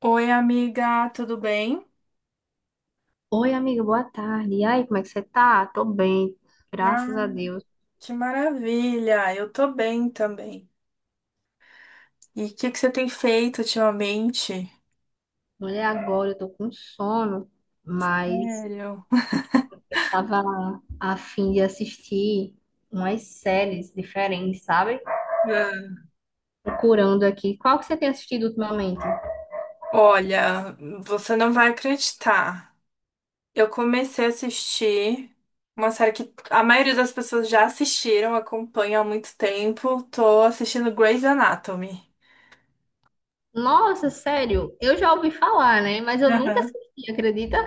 Oi, amiga, tudo bem? Oi, amiga, boa tarde. E aí, como é que você tá? Tô bem, graças a Ah, Deus. que maravilha! Eu tô bem também. E o que que você tem feito ultimamente? Olha, agora eu tô com sono, mas Sério? eu tava a fim de assistir umas séries diferentes, sabe? Ah, Procurando aqui. Qual que você tem assistido ultimamente? olha, você não vai acreditar. Eu comecei a assistir uma série que a maioria das pessoas já assistiram, acompanha há muito tempo. Tô assistindo Grey's Anatomy. Nossa, sério, eu já ouvi falar, né? Mas eu nunca Aham. assisti, acredita?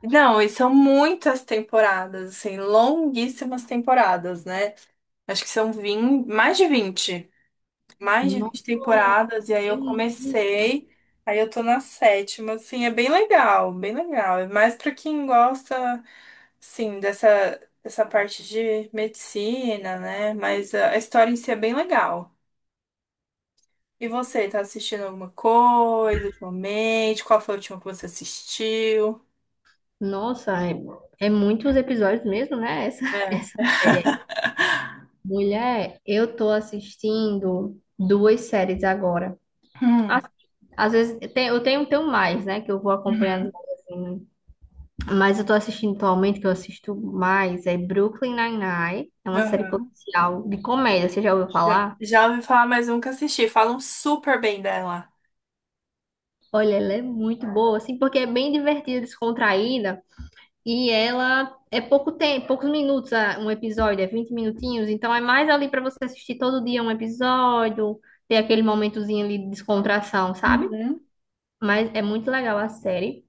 Não, e são muitas temporadas, assim, longuíssimas temporadas, né? Acho que são 20, mais de 20. Mais de Nossa, 20 temporadas, e aí é eu muito- comecei, aí eu tô na sétima, assim, é bem legal, bem legal. É mais pra quem gosta, assim, dessa, dessa parte de medicina, né? Mas a história em si é bem legal. E você, tá assistindo alguma coisa ultimamente? Qual foi a última que você assistiu? Nossa, é, é muitos episódios mesmo, né? Essa, essa É. série. Mulher, eu tô assistindo duas séries agora. Hum. Assim, às vezes tenho mais, né? Que eu vou acompanhando, Uhum. assim, mas eu tô assistindo atualmente, que eu assisto mais, é Brooklyn Nine-Nine. É uma série Aham. policial de comédia, você já ouviu Já, falar? já ouvi falar, mas nunca assisti. Falam super bem dela. Olha, ela é muito boa, assim, porque é bem divertida, descontraída, e ela é pouco tempo, poucos minutos um episódio, é 20 minutinhos, então é mais ali pra você assistir todo dia um episódio, ter aquele momentozinho ali de descontração, sabe? Uhum. Mas é muito legal a série.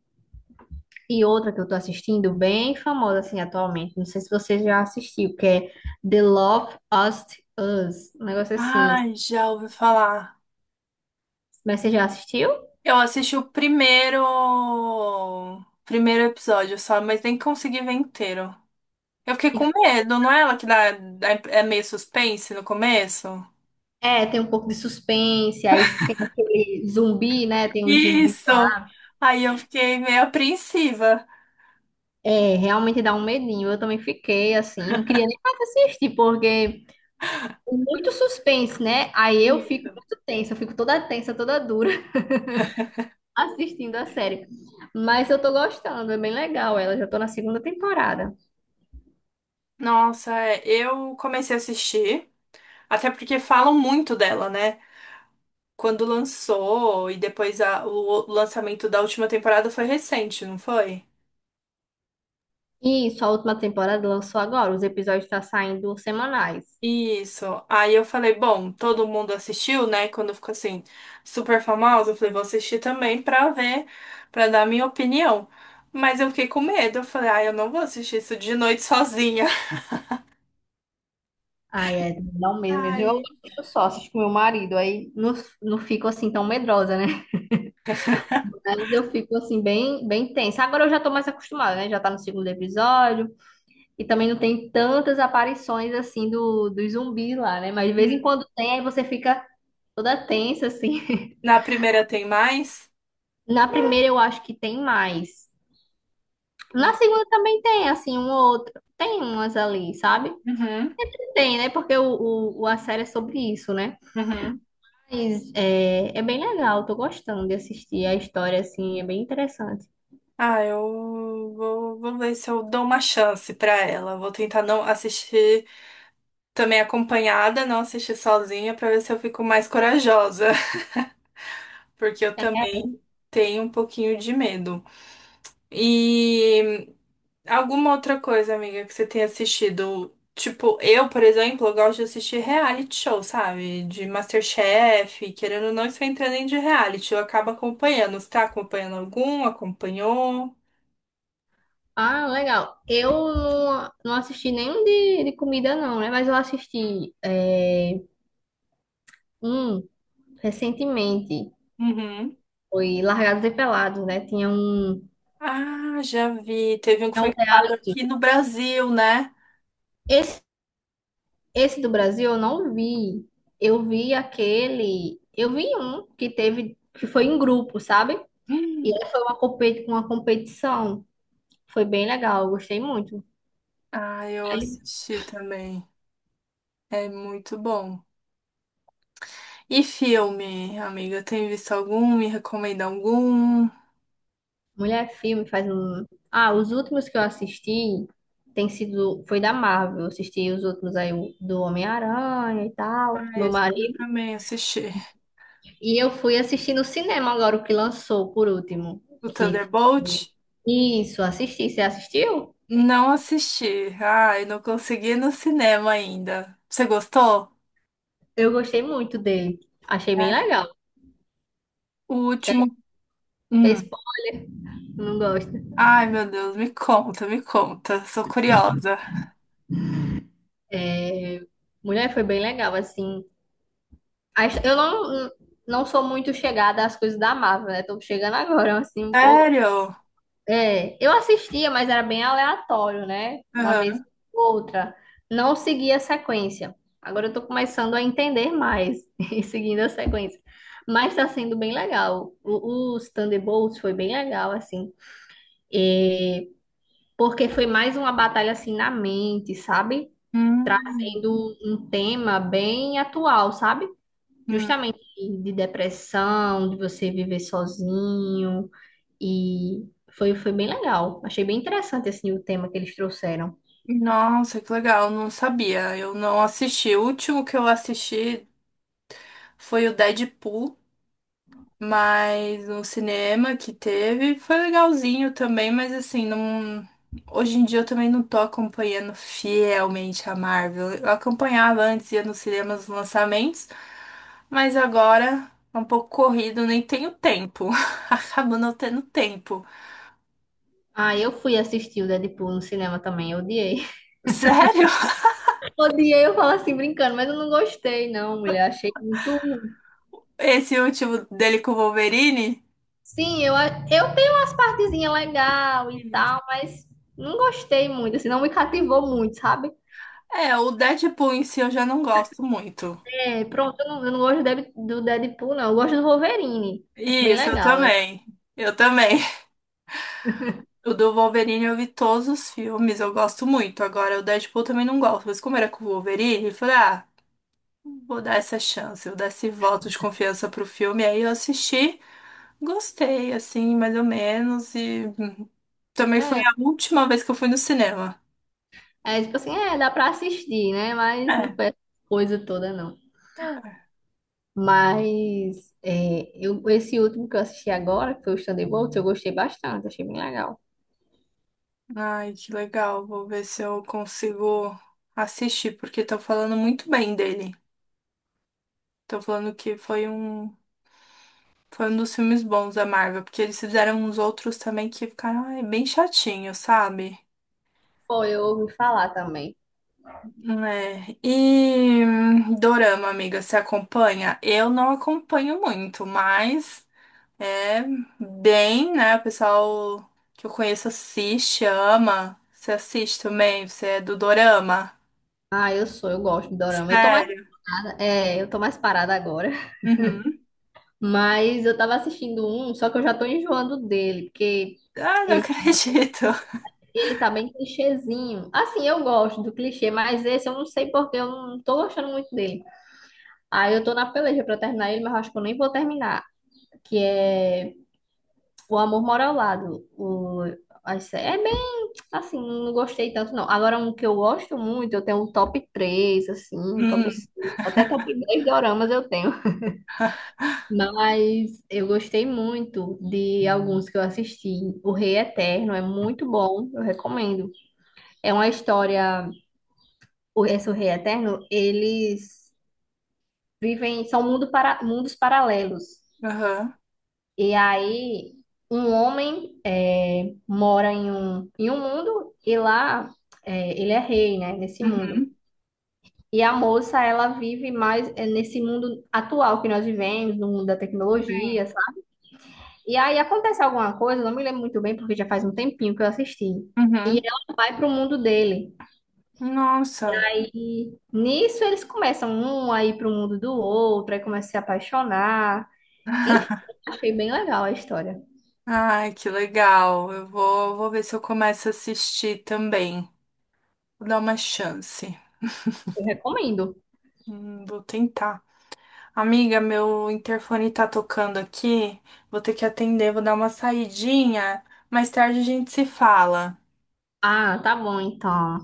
E outra que eu tô assistindo, bem famosa assim atualmente, não sei se você já assistiu, que é The Love Us, um negócio assim. Ai, já ouvi falar. Mas você já assistiu? Eu assisti o primeiro, primeiro episódio só, mas nem consegui ver inteiro. Eu fiquei E- com medo, não é ela que dá, é meio suspense no começo? É, tem um pouco de suspense, aí tem aquele zumbi, né? Tem o zumbi. Isso! Aí eu fiquei meio apreensiva. É, realmente dá um medinho. Eu também fiquei assim, não queria nem mais assistir, porque tem muito suspense, né? Aí eu fico Isso. muito tensa, eu fico toda tensa, toda dura, assistindo a série. Mas eu tô gostando, é bem legal ela. Já tô na segunda temporada. Nossa, é, eu comecei a assistir, até porque falam muito dela, né? Quando lançou e depois o lançamento da última temporada foi recente, não foi? E isso, a última temporada lançou agora. Os episódios estão saindo semanais. Isso. Aí eu falei, bom, todo mundo assistiu, né? Quando ficou assim, super famoso, eu falei, vou assistir também pra ver, pra dar minha opinião. Mas eu fiquei com medo. Eu falei, ah, eu não vou assistir isso de noite sozinha. Ai, é, não mesmo, mesmo. Eu Aí, assisto só, assisto com meu marido, aí não, não fico assim tão medrosa, né? Mas eu fico assim bem, bem tensa. Agora eu já tô mais acostumada, né? Já tá no segundo episódio e também não tem tantas aparições assim do zumbi lá, né? Mas de vez em hum, quando tem, aí você fica toda tensa assim. na primeira tem mais? Na primeira eu acho que tem mais. Na segunda também tem, assim, um ou outro. Tem umas ali, sabe? Uhum, Tem, né? Porque a série é sobre isso, né? uhum. Mas é, é bem legal, tô gostando de assistir a história, assim, é bem interessante. Ah, eu vou, vou ver se eu dou uma chance pra ela. Vou tentar não assistir também acompanhada, não assistir sozinha, pra ver se eu fico mais corajosa. Porque eu É. também tenho um pouquinho de medo. E alguma outra coisa, amiga, que você tenha assistido? Tipo, eu, por exemplo, eu gosto de assistir reality show, sabe? De MasterChef, querendo ou não, isso entra nem de reality. Eu acabo acompanhando. Você tá acompanhando algum? Acompanhou? Ah, legal. Eu não, não assisti nenhum de comida, não, né? Mas eu assisti é, um recentemente. Uhum. Foi Largados e Pelados, né? Ah, já vi. Teve um que Tinha um foi gravado reality. aqui no Brasil, né? Esse Esse do Brasil eu não vi. Eu vi aquele. Eu vi um que teve, que foi em grupo, sabe? E Hum. aí foi uma, competi uma competição. Foi bem legal, eu gostei muito. Ah, eu Aí, assisti também. É muito bom. E filme, amiga, tem visto algum? Me recomenda algum? mulher, filme faz um. Ah, os últimos que eu assisti tem sido. Foi da Marvel. Eu assisti os últimos aí o- do Homem-Aranha e tal, Ah, meu esse eu marido. também assisti. E eu fui assistir no cinema agora o que lançou por último. O Que foi... Thunderbolt? Isso, assisti. Você assistiu? Não assisti. Ai, não consegui ir no cinema ainda. Você gostou? Eu gostei muito dele. Achei bem Né? legal. O Que último. é esse Hum. ponto que eu não gosto. Ai, meu Deus, me conta, me conta. Sou curiosa. É, mulher, foi bem legal, assim. A his- Eu não, não sou muito chegada às coisas da Marvel, né? Tô chegando agora, assim, um pouco. Sério? É, eu assistia, mas era bem aleatório, né? Uma vez Aham. ou outra. Não seguia a sequência. Agora eu tô começando a entender mais e seguindo a sequência. Mas tá sendo bem legal. O, os Thunderbolts foi bem legal, assim. É, porque foi mais uma batalha assim na mente, sabe? Hum, Trazendo um tema bem atual, sabe? hum. Justamente de depressão, de você viver sozinho e foi, foi bem legal. Achei bem interessante assim o tema que eles trouxeram. Nossa, que legal, não sabia. Eu não assisti. O último que eu assisti foi o Deadpool. Mas no cinema que teve foi legalzinho também, mas assim, não, hoje em dia eu também não tô acompanhando fielmente a Marvel. Eu acompanhava antes, ia nos cinemas os lançamentos, mas agora é um pouco corrido, nem tenho tempo. Acabo não tendo tempo. Ah, eu fui assistir o Deadpool no cinema também, eu odiei. Sério? Odiei, eu falo assim brincando, mas eu não gostei não, mulher, achei muito. Esse último dele com o Wolverine? Sim, eu, a- eu tenho umas partezinhas legais e tal, mas não gostei muito, assim, não me cativou muito, sabe? É, o Deadpool em si eu já não gosto muito. É, pronto, eu não gosto do Deb- do Deadpool, não. Eu gosto do Wolverine. Acho bem Isso, eu legal, né? também. Eu também. O do Wolverine eu vi todos os filmes, eu gosto muito. Agora, o Deadpool eu também não gosto, mas como era com o Wolverine, eu falei, ah, vou dar essa chance, vou dar esse voto de confiança pro filme. Aí eu assisti, gostei, assim, mais ou menos, e também foi É, a última vez que eu fui no cinema. é tipo assim, é, dá pra assistir, né? Mas não É. foi essa coisa toda, não. É. Mas é, eu, esse último que eu assisti agora, que foi o Thunderbolts, eu gostei bastante, achei bem legal. Ai, que legal. Vou ver se eu consigo assistir, porque estão falando muito bem dele. Estão falando que foi um foi um dos filmes bons da Marvel, porque eles fizeram uns outros também que ficaram ai, bem chatinhos, sabe? Foi, eu ouvi falar também. Né? E Dorama, amiga, você acompanha? Eu não acompanho muito, mas é bem, né? O pessoal que eu conheço assiste, ama. Você assiste também? Você é do Dorama? Ah, eu sou, eu gosto de dorama. Eu tô mais Sério? parada, é, eu tô mais parada agora. Uhum. Mas eu tava assistindo um, só que eu já tô enjoando dele, porque Ah, não ele acredito. ele tá bem clichêzinho. Assim, eu gosto do clichê, mas esse eu não sei porque eu não tô gostando muito dele. Aí eu tô na peleja pra terminar ele, mas eu acho que eu nem vou terminar. Que é O Amor Mora ao Lado. O... a sé- é bem assim, não gostei tanto, não. Agora, um que eu gosto muito, eu tenho um top 3, assim, um top Hum. 5, até top 10 doramas eu tenho. Mas eu gostei muito de alguns que eu assisti. O Rei Eterno é muito bom, eu recomendo. É uma história. O, esse o Rei Eterno, eles vivem, são mundo para, mundos paralelos. Aham. E aí, um homem é, mora em um mundo e lá é, ele é rei, né, nesse mundo. Uhum. E a moça, ela vive mais é, nesse mundo atual que nós vivemos, no mundo da tecnologia, Sim. sabe? E aí acontece alguma coisa, eu não me lembro muito bem, porque já faz um tempinho que eu assisti. E Uhum. ela vai pro mundo dele. Nossa. E nisso eles começam um a ir pro mundo do outro, aí começa a se apaixonar. Enfim, achei bem legal a história. Ai, que legal. Eu vou, vou ver se eu começo a assistir também. Vou dar uma chance. Eu recomendo. Vou tentar. Amiga, meu interfone tá tocando aqui. Vou ter que atender, vou dar uma saidinha. Mais tarde a gente se fala. Ah, tá bom então.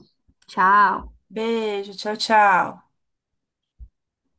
Tchau. Beijo, tchau, tchau.